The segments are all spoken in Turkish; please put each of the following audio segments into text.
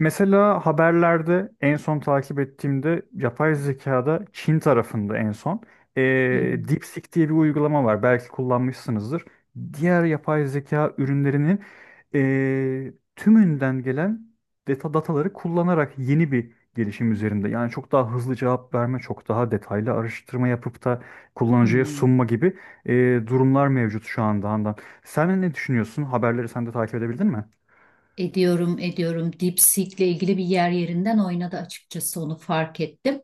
Mesela haberlerde en son takip ettiğimde yapay zekada Çin tarafında en son Hı hı. DeepSeek diye bir uygulama var. Belki kullanmışsınızdır. Diğer yapay zeka ürünlerinin tümünden gelen dataları kullanarak yeni bir gelişim üzerinde. Yani çok daha hızlı cevap verme, çok daha detaylı araştırma yapıp da Hı. kullanıcıya Hı. sunma gibi durumlar mevcut şu anda Handan. Sen ne düşünüyorsun? Haberleri sen de takip edebildin mi? Ediyorum, ediyorum. Dipsik'le ilgili bir yer yerinden oynadı açıkçası, onu fark ettim.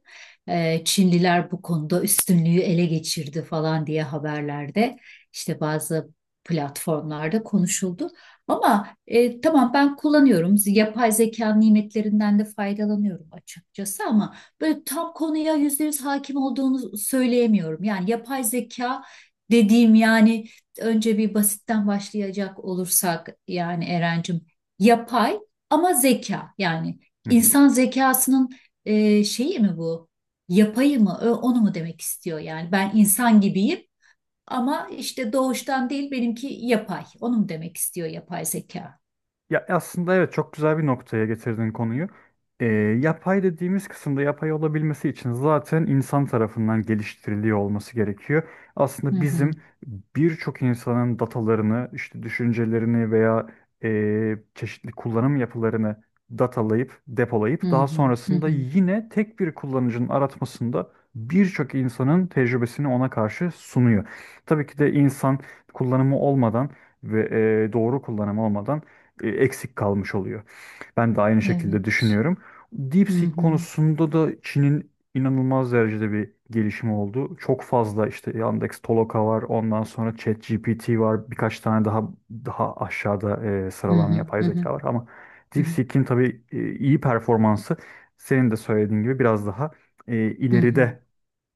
Çinliler bu konuda üstünlüğü ele geçirdi falan diye haberlerde işte bazı platformlarda konuşuldu. Ama tamam, ben kullanıyorum. Yapay zeka nimetlerinden de faydalanıyorum açıkçası, ama böyle tam konuya yüzde yüz hakim olduğunu söyleyemiyorum. Yani yapay zeka dediğim, yani önce bir basitten başlayacak olursak, yani Erencim, yapay ama zeka, yani insan zekasının şeyi mi bu? Yapayı mı? Onu mu demek istiyor yani? Ben insan gibiyim ama işte doğuştan değil, benimki yapay. Onu mu demek istiyor yapay zeka? Ya aslında evet, çok güzel bir noktaya getirdin konuyu. Ee, Yapay dediğimiz kısımda yapay olabilmesi için zaten insan tarafından geliştiriliyor olması gerekiyor. Hı Aslında hı, bizim birçok insanın datalarını, işte düşüncelerini veya çeşitli kullanım yapılarını datalayıp, depolayıp hı daha hı, hı sonrasında hı. yine tek bir kullanıcının aratmasında birçok insanın tecrübesini ona karşı sunuyor. Tabii ki de insan kullanımı olmadan ve doğru kullanımı olmadan eksik kalmış oluyor. Ben de aynı şekilde Evet. düşünüyorum. Hı DeepSeek hı, konusunda da Çin'in inanılmaz derecede bir gelişimi oldu. Çok fazla işte Yandex Toloka var, ondan sonra ChatGPT var, birkaç tane daha aşağıda hı sıralanan hı, yapay hı hı, zeka var ama hı hı, DeepSeek'in tabii iyi performansı senin de söylediğin gibi biraz daha hı hı. ileride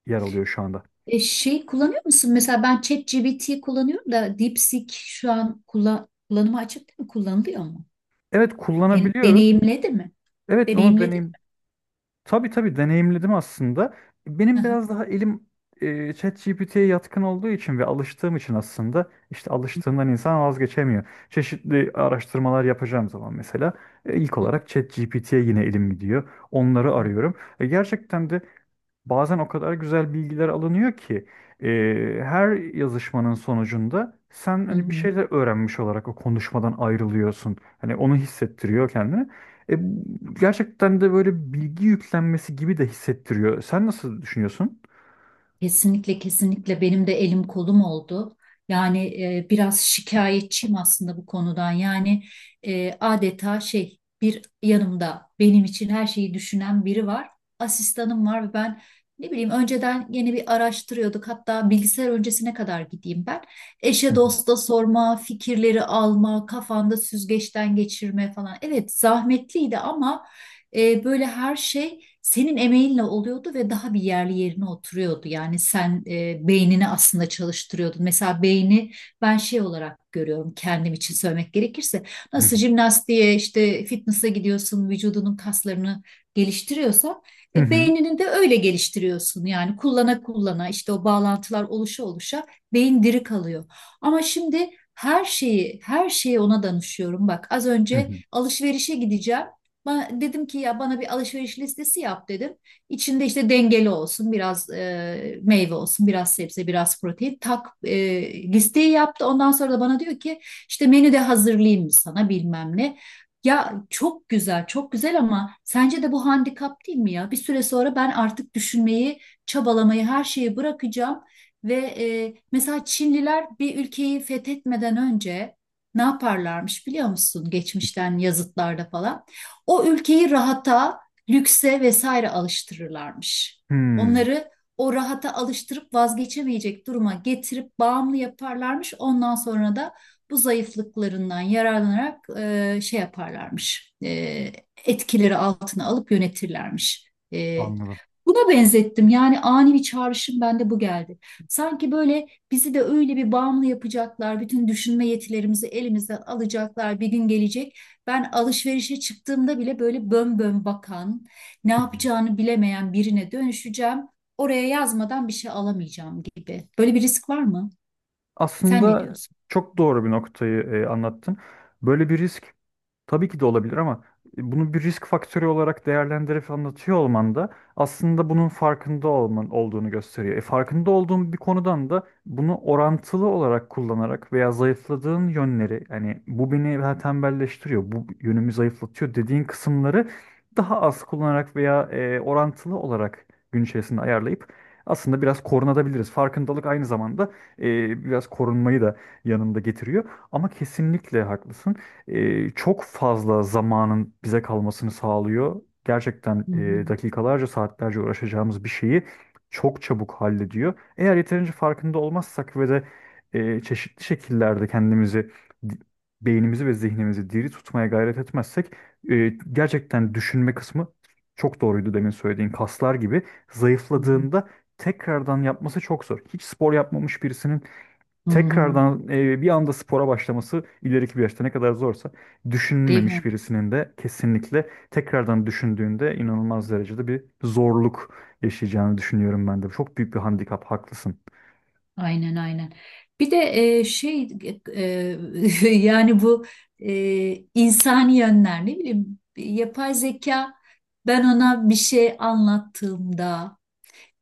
yer alıyor şu anda. Şey kullanıyor musun? Mesela ben ChatGPT kullanıyorum da DeepSeek şu an kullanıma açık değil mi? Kullanılıyor mu? Evet, kullanabiliyoruz. Deneyimledi mi? Evet, onu Deneyimledin deneyim. mi? Tabii tabii, deneyimledim aslında. Hı Benim hı. biraz daha elim ChatGPT'ye yatkın olduğu için ve alıştığım için aslında işte alıştığından insan vazgeçemiyor. Çeşitli araştırmalar yapacağım zaman mesela ilk Hı olarak ChatGPT'ye yine elim gidiyor. Onları hı, arıyorum. E, gerçekten de Bazen o kadar güzel bilgiler alınıyor ki e, her yazışmanın sonucunda sen hı hani bir hı. şeyler öğrenmiş olarak o konuşmadan ayrılıyorsun. Hani onu hissettiriyor kendini. E, Gerçekten de böyle bilgi yüklenmesi gibi de hissettiriyor. Sen nasıl düşünüyorsun? Kesinlikle kesinlikle benim de elim kolum oldu. Yani biraz şikayetçiyim aslında bu konudan. Yani adeta şey, bir yanımda benim için her şeyi düşünen biri var. Asistanım var ve ben, ne bileyim, önceden yeni bir araştırıyorduk. Hatta bilgisayar öncesine kadar gideyim ben. Hı Eşe hı, dosta sorma, fikirleri alma, kafanda süzgeçten geçirme falan. Evet, zahmetliydi ama böyle her şey senin emeğinle oluyordu ve daha bir yerli yerine oturuyordu. Yani sen beynini aslında çalıştırıyordun. Mesela beyni ben şey olarak görüyorum, kendim için söylemek gerekirse. hı Nasıl hı, jimnastiğe, işte fitness'a gidiyorsun, vücudunun kaslarını geliştiriyorsan hı hı, beynini de öyle geliştiriyorsun. Yani kullana kullana, işte o bağlantılar oluşa oluşa beyin diri kalıyor. Ama şimdi her şeyi her şeyi ona danışıyorum. Bak, az hı önce hı. alışverişe gideceğim. Dedim ki ya bana bir alışveriş listesi yap dedim. İçinde işte dengeli olsun, biraz meyve olsun, biraz sebze, biraz protein. Tak, listeyi yaptı. Ondan sonra da bana diyor ki işte menü de hazırlayayım mı sana, bilmem ne. Ya çok güzel, çok güzel, ama sence de bu handikap değil mi ya? Bir süre sonra ben artık düşünmeyi, çabalamayı, her şeyi bırakacağım. Ve mesela Çinliler bir ülkeyi fethetmeden önce ne yaparlarmış biliyor musun? Geçmişten yazıtlarda falan. O ülkeyi rahata, lükse vesaire alıştırırlarmış. Hmm. Onları o rahata alıştırıp vazgeçemeyecek duruma getirip bağımlı yaparlarmış. Ondan sonra da bu zayıflıklarından yararlanarak şey yaparlarmış. Etkileri altına alıp yönetirlermiş. Anladım. Buna benzettim. Yani ani bir çağrışım bende bu geldi. Sanki böyle bizi de öyle bir bağımlı yapacaklar. Bütün düşünme yetilerimizi elimizden alacaklar. Bir gün gelecek. Ben alışverişe çıktığımda bile böyle bön bön bakan, ne yapacağını bilemeyen birine dönüşeceğim. Oraya yazmadan bir şey alamayacağım gibi. Böyle bir risk var mı? Sen ne Aslında diyorsun? çok doğru bir noktayı anlattın. Böyle bir risk tabii ki de olabilir ama bunu bir risk faktörü olarak değerlendirip anlatıyor olman da aslında bunun farkında olman olduğunu gösteriyor. Farkında olduğun bir konudan da bunu orantılı olarak kullanarak veya zayıfladığın yönleri, yani bu beni daha tembelleştiriyor, bu yönümü zayıflatıyor dediğin kısımları daha az kullanarak veya orantılı olarak gün içerisinde ayarlayıp aslında biraz korunabiliriz. Farkındalık aynı zamanda biraz korunmayı da yanında getiriyor. Ama kesinlikle haklısın. Çok fazla zamanın bize kalmasını sağlıyor. Gerçekten Hı hı, dakikalarca, saatlerce uğraşacağımız bir şeyi çok çabuk hallediyor. Eğer yeterince farkında olmazsak ve de çeşitli şekillerde kendimizi, di- beynimizi ve zihnimizi diri tutmaya gayret etmezsek gerçekten düşünme kısmı, çok doğruydu demin söylediğin, kaslar gibi hı hı, zayıfladığında tekrardan yapması çok zor. Hiç spor yapmamış birisinin hı hı. tekrardan bir anda spora başlaması ileriki bir yaşta ne kadar zorsa, Değil mi? düşünmemiş birisinin de kesinlikle tekrardan düşündüğünde inanılmaz derecede bir zorluk yaşayacağını düşünüyorum ben de. Çok büyük bir handikap, haklısın. Aynen aynen. Bir de şey, e, yani bu insani yönler, ne bileyim, yapay zeka ben ona bir şey anlattığımda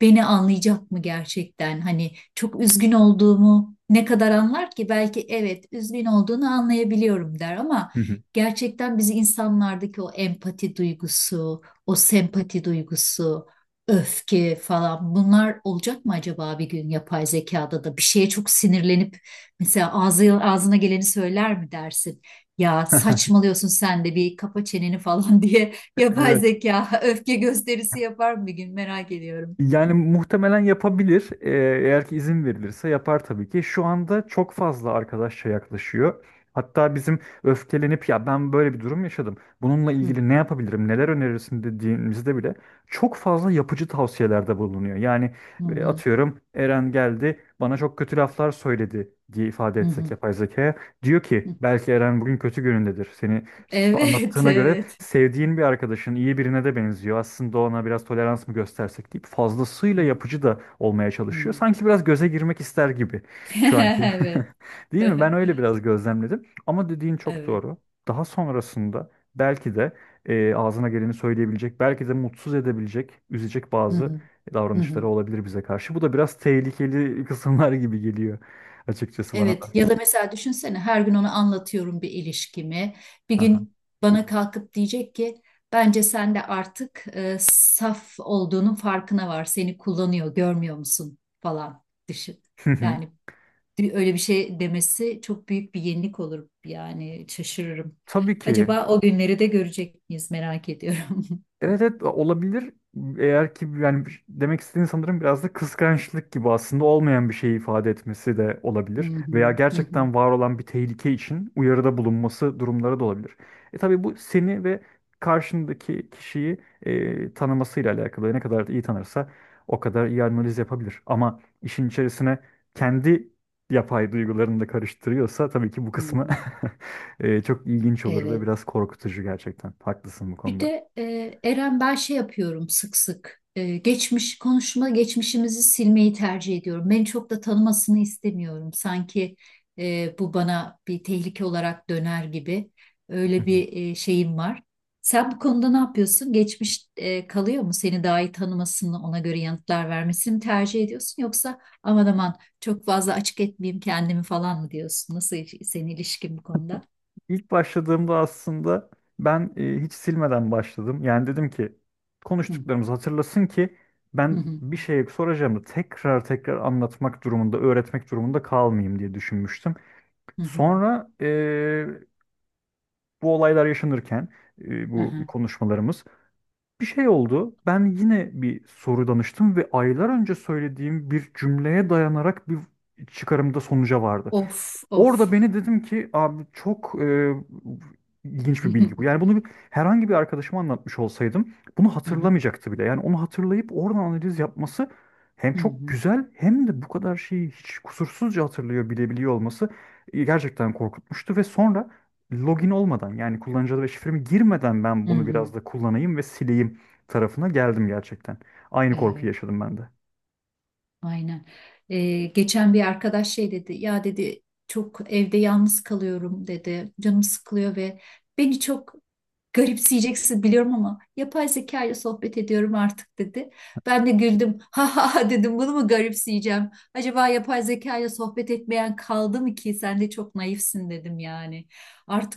beni anlayacak mı gerçekten? Hani çok üzgün olduğumu ne kadar anlar ki? Belki evet, üzgün olduğunu anlayabiliyorum der, ama Hı hı. gerçekten bizi, insanlardaki o empati duygusu, o sempati duygusu, öfke falan, bunlar olacak mı acaba bir gün yapay zekada da? Bir şeye çok sinirlenip mesela ağzına geleni söyler mi dersin? Ya saçmalıyorsun sen de, bir kapa çeneni falan diye yapay Evet. zeka öfke gösterisi yapar mı bir gün, merak ediyorum. Yani muhtemelen yapabilir. Eğer ki izin verilirse yapar tabii ki. Şu anda çok fazla arkadaşça yaklaşıyor. Hatta bizim öfkelenip ya ben böyle bir durum yaşadım, bununla Hı ilgili ne yapabilirim, neler önerirsin dediğimizde bile çok fazla yapıcı tavsiyelerde bulunuyor. Yani hı, hı atıyorum, Eren geldi bana çok kötü laflar söyledi diye ifade hı. etsek Hı, yapay zekaya. Diyor ki hı. belki Eren bugün kötü günündedir. Seni Evet, anlattığına göre evet. sevdiğin bir arkadaşın, iyi birine de benziyor. Aslında ona biraz tolerans mı göstersek deyip fazlasıyla Hı, yapıcı da olmaya çalışıyor. hı. Sanki biraz göze girmek ister gibi şu anki. Evet. Değil mi? Ben öyle biraz gözlemledim. Ama dediğin çok Evet. doğru. Daha sonrasında belki de ağzına geleni söyleyebilecek, belki de mutsuz edebilecek, üzecek Hı bazı hı. Hı hı. davranışları olabilir bize karşı. Bu da biraz tehlikeli kısımlar gibi geliyor açıkçası bana Evet, da. ya da mesela düşünsene, her gün ona anlatıyorum bir ilişkimi. Bir Aha. gün bana kalkıp diyecek ki bence sen de artık saf olduğunun farkına var. Seni kullanıyor, görmüyor musun falan, düşün. Yani öyle bir şey demesi çok büyük bir yenilik olur, yani şaşırırım. Tabii ki. Acaba o günleri de görecek miyiz, merak ediyorum. Evet evet, olabilir. Eğer ki, yani demek istediğin sanırım biraz da kıskançlık gibi aslında olmayan bir şeyi ifade etmesi de Hı olabilir. Veya hı, hı hı, gerçekten var olan bir tehlike için uyarıda bulunması durumları da olabilir. E tabii bu seni ve karşındaki kişiyi tanımasıyla alakalı. Ne kadar iyi tanırsa o kadar iyi analiz yapabilir. Ama işin içerisine kendi yapay duygularını da karıştırıyorsa tabii ki bu hı kısmı hı. Çok ilginç olur ve Evet. biraz korkutucu gerçekten. Haklısın bu Bir konuda. de Eren, ben şey yapıyorum sık sık. Geçmiş konuşma geçmişimizi silmeyi tercih ediyorum. Beni çok da tanımasını istemiyorum. Sanki bu bana bir tehlike olarak döner gibi. Öyle bir şeyim var. Sen bu konuda ne yapıyorsun? Geçmiş kalıyor mu? Seni daha iyi tanımasını, ona göre yanıtlar vermesini tercih ediyorsun, yoksa aman aman çok fazla açık etmeyeyim kendimi falan mı diyorsun? Nasıl, senin ilişkin bu konuda? İlk başladığımda aslında ben hiç silmeden başladım. Yani dedim ki Hı konuştuklarımızı hatırlasın ki hı, ben hı bir şey soracağımı tekrar anlatmak durumunda, öğretmek durumunda kalmayayım diye düşünmüştüm. hı. Sonra bu olaylar yaşanırken Hı bu hı. konuşmalarımız, bir şey oldu. Ben yine bir soru danıştım ve aylar önce söylediğim bir cümleye dayanarak bir çıkarımda sonuca vardı. Of of. Orada beni, dedim ki abi çok ilginç Hı bir hı, bilgi bu. Yani bunu bir, herhangi bir arkadaşıma anlatmış olsaydım bunu hı hı, hatırlamayacaktı bile. Yani onu hatırlayıp oradan analiz yapması hem hı çok hı, güzel, hem de bu kadar şeyi hiç kusursuzca hatırlıyor, bilebiliyor olması gerçekten korkutmuştu. Ve sonra login olmadan, yani kullanıcı adı ve şifremi girmeden ben hı bunu hı. biraz da kullanayım ve sileyim tarafına geldim gerçekten. Aynı korkuyu Evet, yaşadım ben de. aynen. Geçen bir arkadaş şey dedi, ya dedi, çok evde yalnız kalıyorum dedi, canım sıkılıyor ve beni çok, garipseyeceksin biliyorum, ama yapay zeka ile sohbet ediyorum artık dedi. Ben de güldüm. Ha ha ha, dedim, bunu mu garipseyeceğim? Acaba yapay zeka ile sohbet etmeyen kaldı mı ki? Sen de çok naifsin, dedim yani.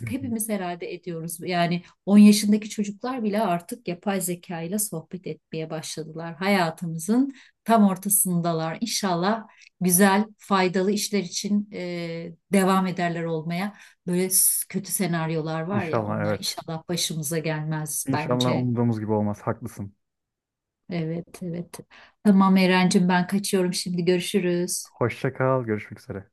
Hı hı. hepimiz herhalde ediyoruz. Yani 10 yaşındaki çocuklar bile artık yapay zeka ile sohbet etmeye başladılar. Hayatımızın tam ortasındalar. İnşallah güzel, faydalı işler için devam ederler olmaya. Böyle kötü senaryolar var ya, İnşallah onlar evet. inşallah başımıza gelmez İnşallah bence. umduğumuz gibi olmaz. Haklısın. Evet evet. Tamam Erencim, ben kaçıyorum, şimdi görüşürüz. Hoşça kal. Görüşmek üzere.